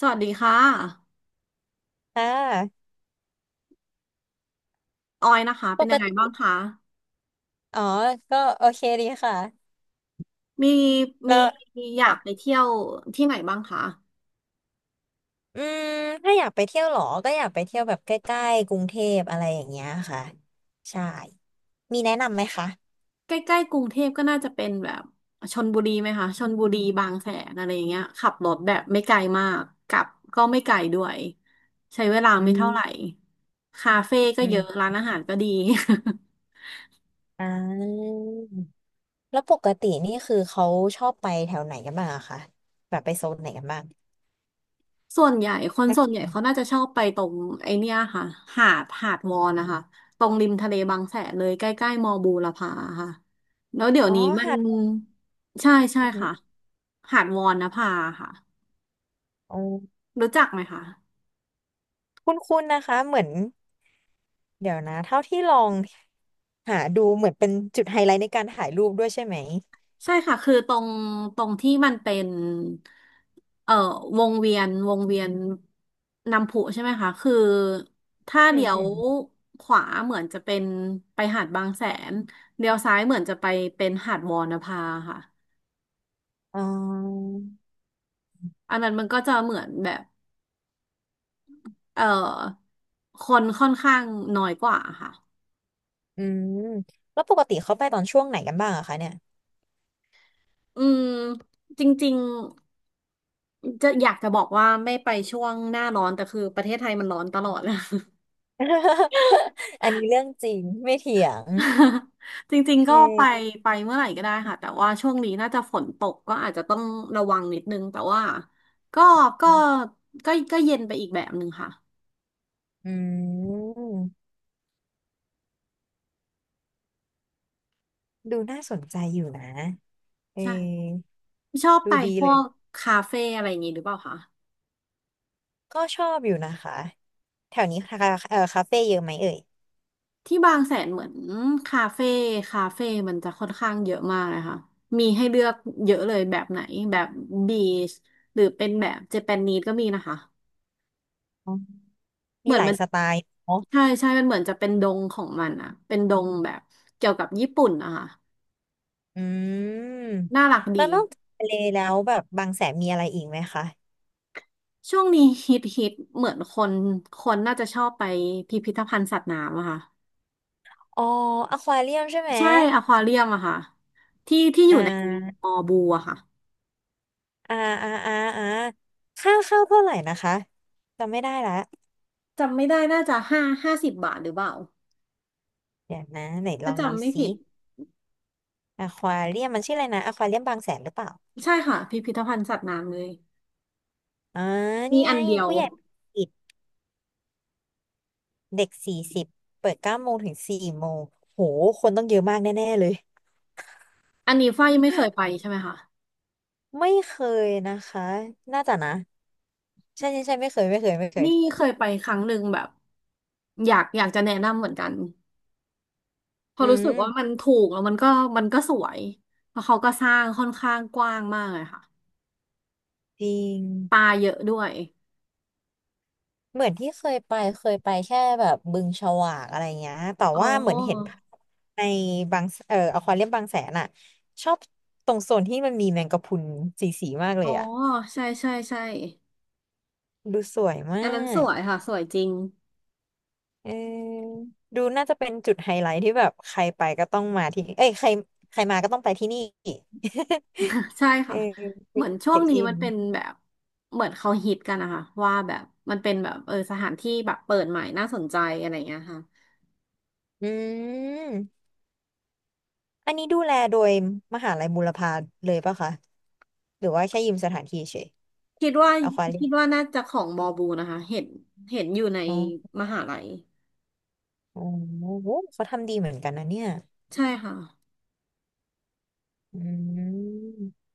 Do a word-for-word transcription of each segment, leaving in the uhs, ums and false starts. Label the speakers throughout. Speaker 1: สวัสดีค่ะ
Speaker 2: ค่ะ
Speaker 1: ออยนะคะ
Speaker 2: ป
Speaker 1: เป็นยังไง
Speaker 2: ก
Speaker 1: บ้าง
Speaker 2: ติ
Speaker 1: คะ
Speaker 2: อ๋อก็โอเคดีค่ะ
Speaker 1: มี
Speaker 2: แล้
Speaker 1: มี
Speaker 2: ว
Speaker 1: มีอยากไป
Speaker 2: ค่ะ
Speaker 1: เที่ยวที่ไหนบ้างคะ
Speaker 2: อืมถ้าอยากไปเที่ยวเหรอก็อยากไปเที่ยวแบบใกล้ๆกรุงเทพอะไรอย่างเงี้ยค่ะใช่มีแนะนำไหมคะ
Speaker 1: ใกล้ๆกรุงเทพก็น่าจะเป็นแบบชลบุรีไหมคะชลบุรีบางแสนอะไรอย่างเงี้ยขับรถแบบไม่ไกลมากกลับก็ไม่ไกลด้วยใช้เวลา
Speaker 2: อื
Speaker 1: ไม่เท่า
Speaker 2: ม
Speaker 1: ไหร่คาเฟ่ก็
Speaker 2: อื
Speaker 1: เยอะ
Speaker 2: ม
Speaker 1: ร้านอาหารก็ดี
Speaker 2: อ่าแล้วปกตินี่คือเขาชอบไปแถวไหนกันบ้างอะคะแบบไปโซนไหนกันบ้าง
Speaker 1: ส่วนใหญ่คน
Speaker 2: ถ้า
Speaker 1: ส่วนใหญ่เขาน่าจะชอบไปตรงไอเนี้ยค่ะ หาดหาดวอนนะคะตรงริมทะเลบางแสนเลยใกล้ๆมอบูรพาค่ะ แล้วเดี๋ยว
Speaker 2: อ๋อ
Speaker 1: นี้มัน
Speaker 2: หาด
Speaker 1: ใช่ใช่
Speaker 2: อือหือ
Speaker 1: ค่ะ หาดวอนนภาค่ะ
Speaker 2: อ๋อ
Speaker 1: รู้จักไหมคะ
Speaker 2: คุ้นๆนะคะเหมือนเดี๋ยวนะเท่าที่ลองหาดูเหมือนเป็นจุดไฮไลท์ในการถ่ายรูปด้วยใช่ไหม
Speaker 1: ใช่ค่ะคือตรงตรงที่มันเป็นเอ่อวงเวียนวงเวียนน้ำพุใช่ไหมคะคือถ้า
Speaker 2: อื
Speaker 1: เลี้ยว
Speaker 2: ม
Speaker 1: ขวาเหมือนจะเป็นไปหาดบางแสนเลี้ยวซ้ายเหมือนจะไปเป็นหาดวอนภาค่ะ
Speaker 2: อ๋า
Speaker 1: อันนั้นมันก็จะเหมือนแบบเอ่อคนค่อนข้างน้อยกว่าค่ะ
Speaker 2: อืมแล้วปกติเขาไปตอนช่วงไหนกันบ้างอะคะเนี่ย
Speaker 1: อืมจริงๆจะอยากจะบอกว่าไม่ไปช่วงหน้าร้อนแต่คือประเทศไทยมันร้อนตลอด
Speaker 2: อันนี้เรื่องจริงไม่เถียง
Speaker 1: จริงๆ
Speaker 2: เ
Speaker 1: ก็ไป
Speaker 2: ออ
Speaker 1: ไปเมื่อไหร่ก็ได้ค่ะแต่ว่าช่วงนี้น่าจะฝนตกก็อาจจะต้องระวังนิดนึงแต่ว่าก็ก็ก็ก็เย็นไปอีกแบบหนึ่งค่ะ
Speaker 2: อืมดูน่าสนใจอยู่นะเออ
Speaker 1: ใช่ชอบ
Speaker 2: ดู
Speaker 1: ไป
Speaker 2: ดี
Speaker 1: พ
Speaker 2: เล
Speaker 1: ว
Speaker 2: ย
Speaker 1: กคาเฟ่อะไรอย่างงี้หรือเปล่าคะ
Speaker 2: ก็ชอบอยู่นะคะแถวนี้คาเออคาเฟ่เยอะไหมเอ่ย
Speaker 1: ที่บางแสนเหมือนคาเฟ่คาเฟ่มันจะค่อนข้างเยอะมากเลยค่ะมีให้เลือกเยอะเลยแบบไหนแบบบีชหรือเป็นแบบเจแปนนีสก็มีนะคะ
Speaker 2: อ๋อ
Speaker 1: เห
Speaker 2: มี
Speaker 1: มือ
Speaker 2: ห
Speaker 1: น
Speaker 2: ลาย
Speaker 1: มัน
Speaker 2: สไตล์เนาะ
Speaker 1: ใช่ใช่มันเหมือนจะเป็นดงของมันอะเป็นดงแบบเกี่ยวกับญี่ปุ่นนะคะ
Speaker 2: อืม
Speaker 1: น่ารัก
Speaker 2: แล้ว
Speaker 1: ดี
Speaker 2: นอกจากทะเลแล้วแบบบางแสนมีอะไรอีกไหมคะ
Speaker 1: ช่วงนี้ฮิตฮิตเหมือนคนคนน่าจะชอบไปพิพิธภัณฑ์สัตว์น้ำอะค่ะ
Speaker 2: อ๋ออควาเรียมใช่ไหม
Speaker 1: ใช่อควาเรียมอะค่ะที่ที่อ
Speaker 2: อ่
Speaker 1: ยู่ใน
Speaker 2: า
Speaker 1: มอบูอะค่ะ
Speaker 2: อ่าอ่าอ่าอ่าค่าเข้าเท่าไหร่นะคะจำไม่ได้ละ
Speaker 1: จำไม่ได้น่าจะห้าห้าสิบบาทหรือเปล่า
Speaker 2: เดี๋ยวนะไหนล
Speaker 1: ถ้า
Speaker 2: องดู
Speaker 1: จำไม่
Speaker 2: ซิ
Speaker 1: ผิด
Speaker 2: อควาเรียมมันชื่ออะไรนะอควาเรียมบางแสนหรือเปล่า
Speaker 1: ใช่ค่ะพิพิธภัณฑ์สัตว์น้ำเลย
Speaker 2: อ่านี่
Speaker 1: มี
Speaker 2: ไง
Speaker 1: อันเดียว
Speaker 2: ผู้ใหญ่ปิดเด็กสี่สิบเปิดเก้าโมงถึงสี่โมงโหคนต้องเยอะมากแน่ๆเลย
Speaker 1: อันนี้ฝ้ายยังไม่เคยไปใช่ไหมคะ
Speaker 2: ไม่เคยนะคะน่าจะนะใช่ใช่ใช่ไม่เคยไม่เคยไม่เคย
Speaker 1: นี่เคยไปครั้งหนึ่งแบบอยากอยากจะแนะนำเหมือนกันเพอ
Speaker 2: อื
Speaker 1: ราะรู้สึกว่ามัน
Speaker 2: ม
Speaker 1: ถูกแล้วมันก็มันก็สวยเพราะเขาก็สร้างค่อนข้างกว้างมากเลยค่ะ
Speaker 2: จริง
Speaker 1: ปลาเยอะด้วย
Speaker 2: เหมือนที่เคยไปเคยไปแค่แบบบึงฉวากอะไรเงี้ย แต่
Speaker 1: อ๋
Speaker 2: ว่าเหมือนเห็น
Speaker 1: อ
Speaker 2: ภาพในบางเอ่ออควาเรียมบางแสนอ่ะชอบตรงโซนที่มันมีแมงกะพรุนสีสีมากเล
Speaker 1: อ๋อ
Speaker 2: ยอ่ะ
Speaker 1: ใช่ใช่ใช่
Speaker 2: ดูสวยมา
Speaker 1: อันนั้นส
Speaker 2: ก
Speaker 1: วยค่ะสวยจริง
Speaker 2: เออดูน่าจะเป็นจุดไฮไลท์ที่แบบใครไปก็ต้องมาที่เอ้ยใครใครมาก็ต้องไปที่นี่
Speaker 1: ใช่
Speaker 2: เอ
Speaker 1: ค่ะ
Speaker 2: อ
Speaker 1: เห
Speaker 2: เป็
Speaker 1: มื
Speaker 2: น
Speaker 1: อน
Speaker 2: จุด
Speaker 1: ช่ว
Speaker 2: เช็
Speaker 1: ง
Speaker 2: ค
Speaker 1: นี้
Speaker 2: อิ
Speaker 1: มั
Speaker 2: น
Speaker 1: นเป็นแบบเหมือนเขาฮิตกันนะคะว่าแบบมันเป็นแบบเออสถานที่แบบเปิดใหม่น่าสนใจอะไรอย่างเงี้ยค่ะ
Speaker 2: อืมอันนี้ดูแลโดยมหาลัยบูรพาเลยปะคะหรือว่าแค่ยืมสถานที่เฉย
Speaker 1: คิดว่า
Speaker 2: อควาเรีย
Speaker 1: คิดว่าน่าจะของมอบูนะคะเห็นเห็นอยู่ใน
Speaker 2: ม
Speaker 1: มหาลัย
Speaker 2: โอ้โหเขาทำดีเหมือนกันนะเนี่ย
Speaker 1: ใช่ค่ะ
Speaker 2: อืม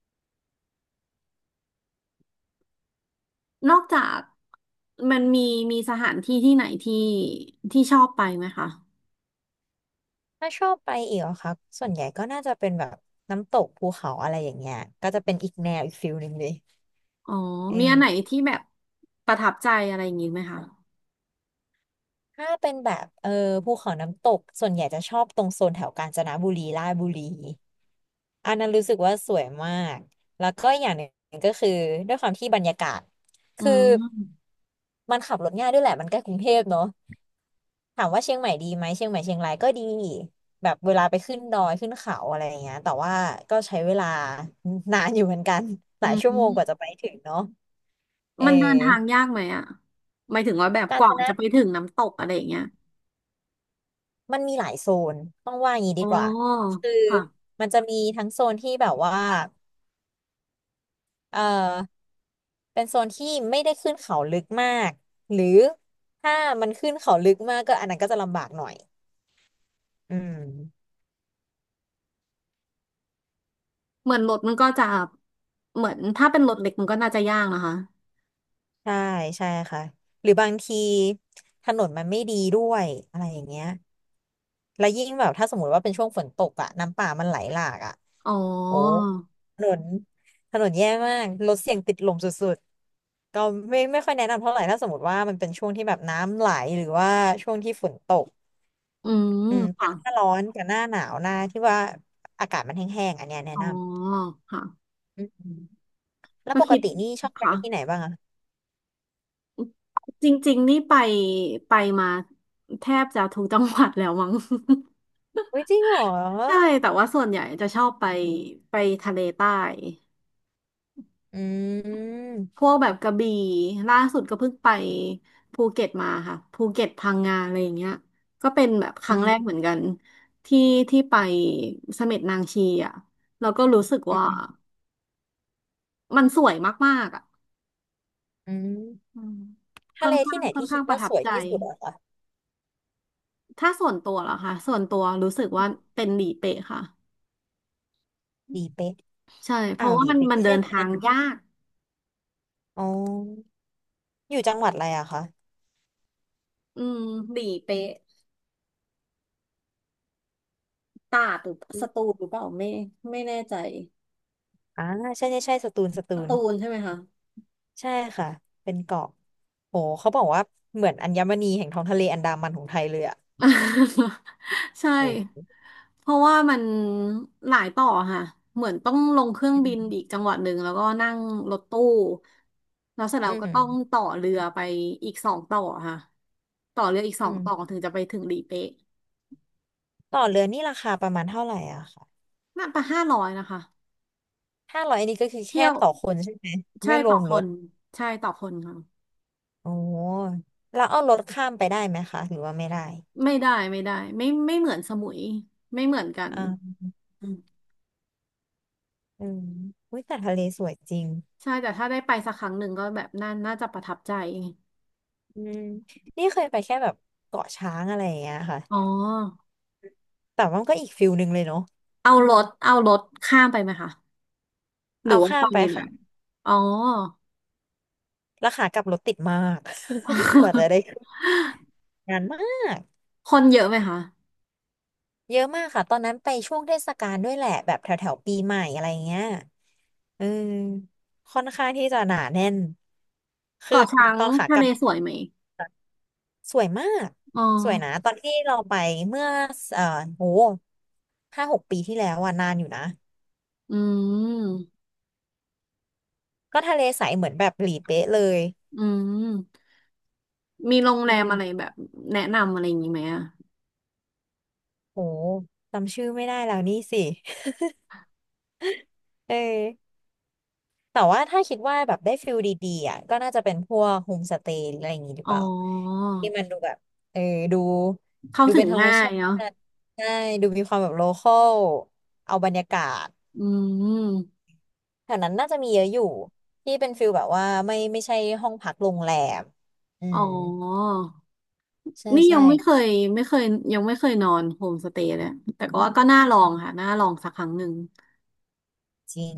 Speaker 1: นอกจากมันมีมีสถานที่ที่ไหนที่ที่ชอบไปไหมคะ
Speaker 2: ถ้าชอบไปอีกเหรอคะส่วนใหญ่ก็น่าจะเป็นแบบน้ำตกภูเขาอะไรอย่างเงี้ยก็จะเป็นอีกแนวอีกฟิลหนึ่งเลย
Speaker 1: อ๋อ
Speaker 2: เอ
Speaker 1: มีอันไหน
Speaker 2: อ
Speaker 1: ที่แบบประทับใจอะไรอย่างงี้ไหมคะ
Speaker 2: ถ้าเป็นแบบเออภูเขาน้ำตกส่วนใหญ่จะชอบตรงโซนแถวกาญจนบุรีราชบุรีอันนั้นรู้สึกว่าสวยมากแล้วก็อย่างหนึ่งก็คือด้วยความที่บรรยากาศ
Speaker 1: อื
Speaker 2: คือ
Speaker 1: ม
Speaker 2: มันขับรถง่ายด้วยแหละมันใกล้กรุงเทพเนอะ ถามว่าเชียงใหม่ดีไหมเชียงใหม่เชียงรายก็ดีแบบเวลาไปขึ้นดอยขึ้นเขาอะไรอย่างเงี้ยแต่ว่าก็ใช้เวลานานอยู่เหมือนกัน ห
Speaker 1: อื
Speaker 2: ลายชั่วโมงกว่าจะ
Speaker 1: ม
Speaker 2: ไปถึงเนาะเ
Speaker 1: มันเดินทาง
Speaker 2: ออ
Speaker 1: ยากไหมอ่ะหมายถึงว่าแบบ
Speaker 2: กา
Speaker 1: ก
Speaker 2: รจ
Speaker 1: ว่า
Speaker 2: นะ
Speaker 1: จะไปถึงน้ำตกอะไรอย่างเงี้ย
Speaker 2: มันมีหลายโซนต้องว่าอย่างนี้ดี
Speaker 1: โอ้
Speaker 2: กว่าคือ
Speaker 1: ค่ะ
Speaker 2: มันจะมีทั้งโซนที่แบบว่าเออเป็นโซนที่ไม่ได้ขึ้นเขาลึกมากหรือถ้ามันขึ้นเขาลึกมากก็อันนั้นก็จะลำบากหน่อยอืม
Speaker 1: เหมือนรถมันก็จะเหมือนถ้าเป็นรถเล็กมันก็น่าจะยากนะคะ
Speaker 2: ใช่ใช่ค่ะหรือบางทีถนนมันไม่ดีด้วยอะไรอย่างเงี้ยแล้วยิ่งแบบถ้าสมมติว่าเป็นช่วงฝนตกอะน้ำป่ามันไหลหลากอะ
Speaker 1: อ๋อ
Speaker 2: โอ้ถนนถนนแย่มากรถเสี่ยงติดลมสุดๆก็ไม่ไม่ค่อยแนะนำเท่าไหร่ถ้าสมมติว่ามันเป็นช่วงที่แบบน้ำไหลหรือว่าช่วงที่ฝนตก
Speaker 1: อืม
Speaker 2: อืมแต่
Speaker 1: ค่ะ
Speaker 2: หน้าร้อนกับหน้าหนาวหน้าที่ว่าอากาศมันแห้งๆอันเนี้ยแนะ
Speaker 1: อ๋อ
Speaker 2: น
Speaker 1: ค่ะ
Speaker 2: ำอืมแล้ว
Speaker 1: ก็
Speaker 2: ปก
Speaker 1: คิด
Speaker 2: ตินี่ชอบไป
Speaker 1: ค่ะ
Speaker 2: ที่ไหนบ้างอะ
Speaker 1: จริงๆนี่ไปไปมาแทบจะทุกจังหวัดแล้วมั้ง
Speaker 2: อุ้ยจริงเหรอ
Speaker 1: ใช่แต่ว่าส่วนใหญ่จะชอบไปไปทะเลใต้
Speaker 2: อื
Speaker 1: พ
Speaker 2: ม
Speaker 1: วกแบบกระบี่ล่าสุดก็เพิ่งไปภูเก็ตมาค่ะภูเก็ตพังงาอะไรอย่างเงี้ยก็เป็นแบบครั้ง
Speaker 2: อื
Speaker 1: แรกเห
Speaker 2: ม
Speaker 1: มือนกันที่ที่ไปเสม็ดนางชีอ่ะแล้วก็รู้สึก
Speaker 2: อื
Speaker 1: ว่า
Speaker 2: ม
Speaker 1: มันสวยมากๆอ่ะ
Speaker 2: อืม
Speaker 1: อืมค่
Speaker 2: ทะ
Speaker 1: อ
Speaker 2: เล
Speaker 1: นข้า
Speaker 2: ที่
Speaker 1: ง
Speaker 2: ไหน
Speaker 1: ค่อน
Speaker 2: ที่
Speaker 1: ข้า
Speaker 2: คิด
Speaker 1: งป
Speaker 2: ว่า
Speaker 1: ระทั
Speaker 2: ส
Speaker 1: บ
Speaker 2: วย
Speaker 1: ใจ
Speaker 2: ที่สุดอะคะ
Speaker 1: ถ้าส่วนตัวเหรอคะส่วนตัวรู้สึกว่าเป็นหลีเป๊ะค่ะ
Speaker 2: หลีเป๊ะ
Speaker 1: ใช่เพ
Speaker 2: อ่า
Speaker 1: ราะ
Speaker 2: วห
Speaker 1: ว่า
Speaker 2: ลี
Speaker 1: มัน
Speaker 2: เป๊ะ
Speaker 1: มันเดิ
Speaker 2: ใช่
Speaker 1: น
Speaker 2: ไห
Speaker 1: ทา
Speaker 2: ม
Speaker 1: งยาก
Speaker 2: อ๋ออยู่จังหวัดอะไรอะคะ
Speaker 1: อืมหลีเป๊ะตราดหรือสตูลหรือเปล่าไม่ไม่แน่ใจ
Speaker 2: อ่าใช่ใช่ใช่สตูลสตู
Speaker 1: ส
Speaker 2: ล
Speaker 1: ตูลใช่ไหมคะ
Speaker 2: ใช่ค่ะเป็นเกาะโหเขาบอกว่าเหมือนอัญมณีแห่งท้องทะเลอันดามันของไทยเลยอะ
Speaker 1: ใช่
Speaker 2: โห
Speaker 1: เพราะว่ามันหลายต่อค่ะเหมือนต้องลงเครื่อง
Speaker 2: อื
Speaker 1: บินอีก
Speaker 2: ม
Speaker 1: จังหวัดหนึ่งแล้วก็นั่งรถตู้แล้วเสร็จแล้
Speaker 2: อื
Speaker 1: วก็ต้อง
Speaker 2: ม
Speaker 1: ต่อเรือไปอีกสองต่อค่ะต่อเรืออีกสอ
Speaker 2: อื
Speaker 1: งต่อ
Speaker 2: ม
Speaker 1: ถึงจะไปถึงหลีเป๊ะ
Speaker 2: ต่อเรือนี่ราคาประมาณเท่าไหร่อะค่ะ
Speaker 1: น่าจะห้าร้อยนะคะ
Speaker 2: ห้าร้อยอันนี้ก็คือ
Speaker 1: เที่
Speaker 2: แค่
Speaker 1: ยว
Speaker 2: ต่อคนใช่ไหม
Speaker 1: ใช่
Speaker 2: ไม่ร
Speaker 1: ต่อ
Speaker 2: วม
Speaker 1: ค
Speaker 2: รถ
Speaker 1: นใช่ต่อคนค่ะ
Speaker 2: โอ้แล้วเอารถข้ามไปได้ไหมคะหรือว่าไม่ได้
Speaker 1: ไม่ได้ไม่ได้ไม่ไม่เหมือนสมุยไม่เหมือนกัน
Speaker 2: อ่า
Speaker 1: อืม
Speaker 2: อืมอุ้ยแต่ทะเลสวยจริง
Speaker 1: ใช่แต่ถ้าได้ไปสักครั้งหนึ่งก็แบบน่าน่าจะประทับใจ
Speaker 2: อืม นี่เคยไปแค่แบบเกาะช้างอะไรอย่างเงี้ยค่ะ
Speaker 1: อ๋อ
Speaker 2: แต่ว่ามันก็อีกฟิลหนึ่งเลยเนาะ
Speaker 1: เอารถเอารถข้ามไปไหมคะหรื
Speaker 2: เอา
Speaker 1: อว่า
Speaker 2: ข้า
Speaker 1: ไป
Speaker 2: มไป
Speaker 1: เลย
Speaker 2: ค่ะ
Speaker 1: นะอ๋อ
Speaker 2: แล้วขากลับรถติดมาก กว่าจะ ได้ขึ้นนานมาก
Speaker 1: คนเยอะไหมคะ
Speaker 2: เยอะมากค่ะ ตอนนั้นไปช่วงเทศกาลด้วยแหละ แบบแถวแถวปีใหม่อะไรเงี้ยเออค่อนข้างที่จะหนาแน่น คือ
Speaker 1: เกาะช้าง
Speaker 2: ตอนขา
Speaker 1: ทะ
Speaker 2: กลั
Speaker 1: เล
Speaker 2: บ
Speaker 1: สวยไหม
Speaker 2: สวยมาก
Speaker 1: อ๋อ
Speaker 2: สวยนะตอนที่เราไปเมื่อเอ่อโหห้าหกปีที่แล้วอะนานอยู่นะ
Speaker 1: อืม
Speaker 2: ก็ทะเลใสเหมือนแบบหลีเป๊ะเลย
Speaker 1: อืมมีโรงแร
Speaker 2: อื
Speaker 1: มอะไร
Speaker 2: ม
Speaker 1: แบบแนะนำอะไรอย่างนี้ไหมอะ
Speaker 2: โหจำชื่อไม่ได้แล้วนี่สิ เออแต่ว่าถ้าคิดว่าแบบได้ฟิลดีๆอ่ะก็น่าจะเป็นพวกโฮมสเตย์อะไรอย่างงี้หรือ
Speaker 1: อ๋อ
Speaker 2: เปล่า ที่มันดูแบบเออดู
Speaker 1: เข้า
Speaker 2: ดู
Speaker 1: ถึ
Speaker 2: เป็น
Speaker 1: ง
Speaker 2: ธรรม
Speaker 1: ง่าย
Speaker 2: ชาต
Speaker 1: เนาะ
Speaker 2: ิใช่ ดูมีความแบบโลคอลเอาบรรยากาศ
Speaker 1: อืม
Speaker 2: แถวนั้นน่าจะมีเยอะอยู่ ที่เป็นฟิลแบบว่าไม่ไม่ใช่ห้องพักโรงแรมอื
Speaker 1: อ๋อ
Speaker 2: มใช่
Speaker 1: นี่ยั
Speaker 2: ใช่
Speaker 1: งไม่เคยไม่เคยยังไม่เคยนอนโฮมสเตย์เลยแต่ก็ว่าก็น่าลองค่ะน่าลองสักครั้งหนึ่ง
Speaker 2: จริง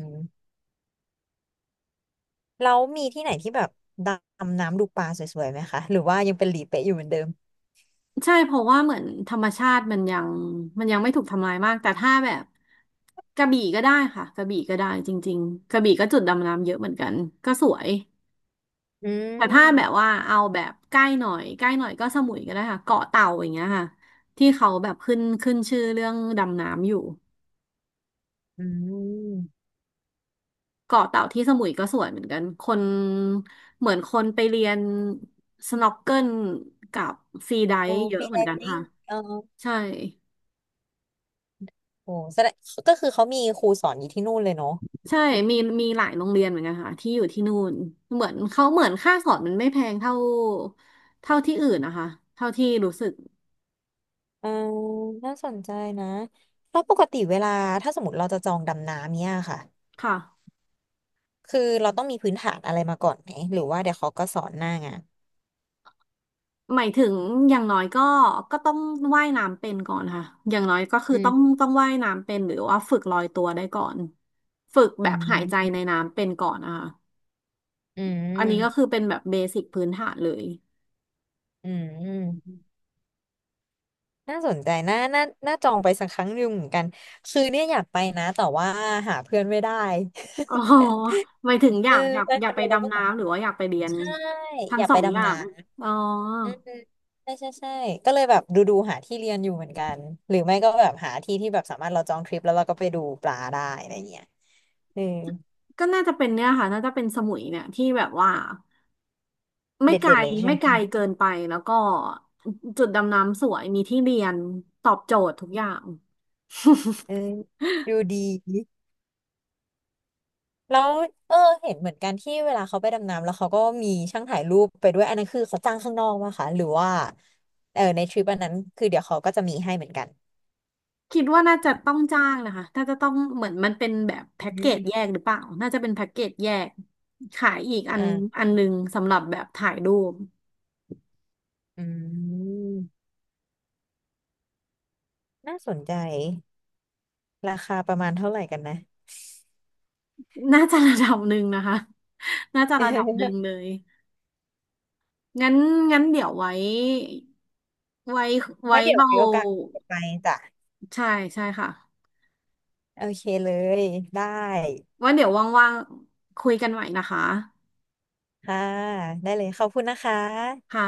Speaker 2: แล้วมีที่ไหนที่แบบดำน้ำดูปลาสวยๆไหมคะหรือว่ายังเป็นหลีเป๊ะอยู่เหมือนเดิม
Speaker 1: ใช่เพราะว่าเหมือนธรรมชาติมันยังมันยังไม่ถูกทำลายมากแต่ถ้าแบบกระบี่ก็ได้ค่ะกระบี่ก็ได้จริงๆกระบี่ก็จุดดำน้ำเยอะเหมือนกันก็สวย
Speaker 2: อื
Speaker 1: แต่ถ้าแบบ
Speaker 2: ม
Speaker 1: ว่าเอาแบบใกล้หน่อยใกล้หน่อยก็สมุยก็ได้ค่ะเกาะเต่าอย่างเงี้ยค่ะที่เขาแบบขึ้นขึ้นชื่อเรื่องดำน้ำอยู่
Speaker 2: อืม
Speaker 1: เกาะเต่าที่สมุยก็สวยเหมือนกันคนเหมือนคนไปเรียนสน็อกเกิลกับฟรีได
Speaker 2: โอ้
Speaker 1: ฟ์เย
Speaker 2: ฟ
Speaker 1: อะ
Speaker 2: รี
Speaker 1: เห
Speaker 2: ได
Speaker 1: มือนกัน
Speaker 2: วิ่
Speaker 1: ค่ะ
Speaker 2: งเออ
Speaker 1: ใช่
Speaker 2: โอ้แสดงก็คือเขามีครูสอนอยู่ที่นู่นเลยเนาะ
Speaker 1: ใช่มีมีหลายโรงเรียนเหมือนกันค่ะที่อยู่ที่นู่นเหมือนเขาเหมือนค่าสอนมันไม่แพงเท่าเท่าที่อื่นนะคะเท่าที่รู้สึก
Speaker 2: อ่าน่าสนใจนะแล้วปกติเวลาถ้าสมมติเราจะจองดำน้ำเนี่ยค่ะ
Speaker 1: ค่ะ
Speaker 2: คือเราต้องมีพื้นฐานอะไรมาก่อนไหมหรือว่าเดี๋ยวเขาก็สอนหน้างาน
Speaker 1: หมายถึงอย่างน้อยก็ก็ต้องว่ายน้ำเป็นก่อนค่ะอย่างน้อยก็คือ
Speaker 2: อื
Speaker 1: ต้
Speaker 2: ม
Speaker 1: องต้องว่ายน้ำเป็นหรือว่าฝึกลอยตัวได้ก่อนฝึกแบ
Speaker 2: อื
Speaker 1: บหายใจ
Speaker 2: ม
Speaker 1: ในน้ำเป็นก่อนนะคะ
Speaker 2: อื
Speaker 1: อันนี้ก็คื
Speaker 2: ม
Speaker 1: อเป็นแบบเบสิกพื้นฐานเลย
Speaker 2: อืม น่าสนใจน่าน่าน่าจองไปสักครั้งหนึ่งเหมือนกันคือเนี่ยอยากไปนะแต่ว่าหาเพื่อนไม่ได้
Speaker 1: อ๋อหมายถึง อ
Speaker 2: เอ
Speaker 1: ยา
Speaker 2: อ
Speaker 1: กอยาก
Speaker 2: ไป
Speaker 1: อ
Speaker 2: ค
Speaker 1: ยา
Speaker 2: อ
Speaker 1: ก
Speaker 2: น
Speaker 1: ไป
Speaker 2: โดเลยก็
Speaker 1: ดำ
Speaker 2: แบบ
Speaker 1: น้ำหรือว่าอยากไปเรียน
Speaker 2: ใช่
Speaker 1: ทั้
Speaker 2: อ
Speaker 1: ง
Speaker 2: ยาก
Speaker 1: สอ
Speaker 2: ไป
Speaker 1: งอย่า
Speaker 2: ดำน้
Speaker 1: งอ๋อ
Speaker 2: ำอืมใช่ใช่ใช่ก็เลยแบบดูดูหาที่เรียนอยู่เหมือนกันหรือไม่ก็แบบหาที่ที่แบบสามารถเราจองทริปแล้วเราก็ไปดูปลาได้อะไรเงี้ยเออ
Speaker 1: ก็น่าจะเป็นเนี่ยค่ะน่าจะเป็นสมุยเนี่ยที่แบบว่าไม่
Speaker 2: เด็ด
Speaker 1: ไกล
Speaker 2: เด็ดเลยใช่
Speaker 1: ไม่
Speaker 2: ไหม
Speaker 1: ไกลเกินไปแล้วก็จุดดำน้ำสวยมีที่เรียนตอบโจทย์ทุกอย่าง
Speaker 2: เออดู ดี แล้วเออเห็นเหมือนกันที่เวลาเขาไปดำน้ำแล้วเขาก็มีช่างถ่ายรูปไปด้วยอันนั้นคือเขาจ้างข้างนอกมาค่ะหรือว่าเออในทริปอันนั้นคือเดี๋ยวเขาก็จะมีให้เหมือนกัน
Speaker 1: คิดว่าน่าจะต้องจ้างนะคะน่าจะต้องเหมือนมันเป็นแบบ
Speaker 2: อื
Speaker 1: แพ็กเกจแย
Speaker 2: ม
Speaker 1: กหรือเปล่าน่าจะเป็นแพ็กเกจแยกขายอีกอั
Speaker 2: อ่
Speaker 1: น
Speaker 2: า
Speaker 1: อันหนึ่งสำหรับแบบถ่ายรูป
Speaker 2: อืมน่าสนใจราคาประมาณเท่าไหร่กันนะ
Speaker 1: น่าจะระดับหนึ่งนะคะ น่าจะระดับหนึ่งเล ยงั้นงั้นเดี๋ยวไว้ไว้
Speaker 2: ไว้
Speaker 1: ไว้
Speaker 2: เดี๋ยว
Speaker 1: เรา
Speaker 2: มีโอกาสไปจ้ะ
Speaker 1: ใช่ใช่ค่ะ
Speaker 2: โอเคเลยได้
Speaker 1: ว่าเดี๋ยวว่างๆคุยกันใหม่นะคะ
Speaker 2: ค่ะได้เลยขอบคุณนะคะ
Speaker 1: ค่ะ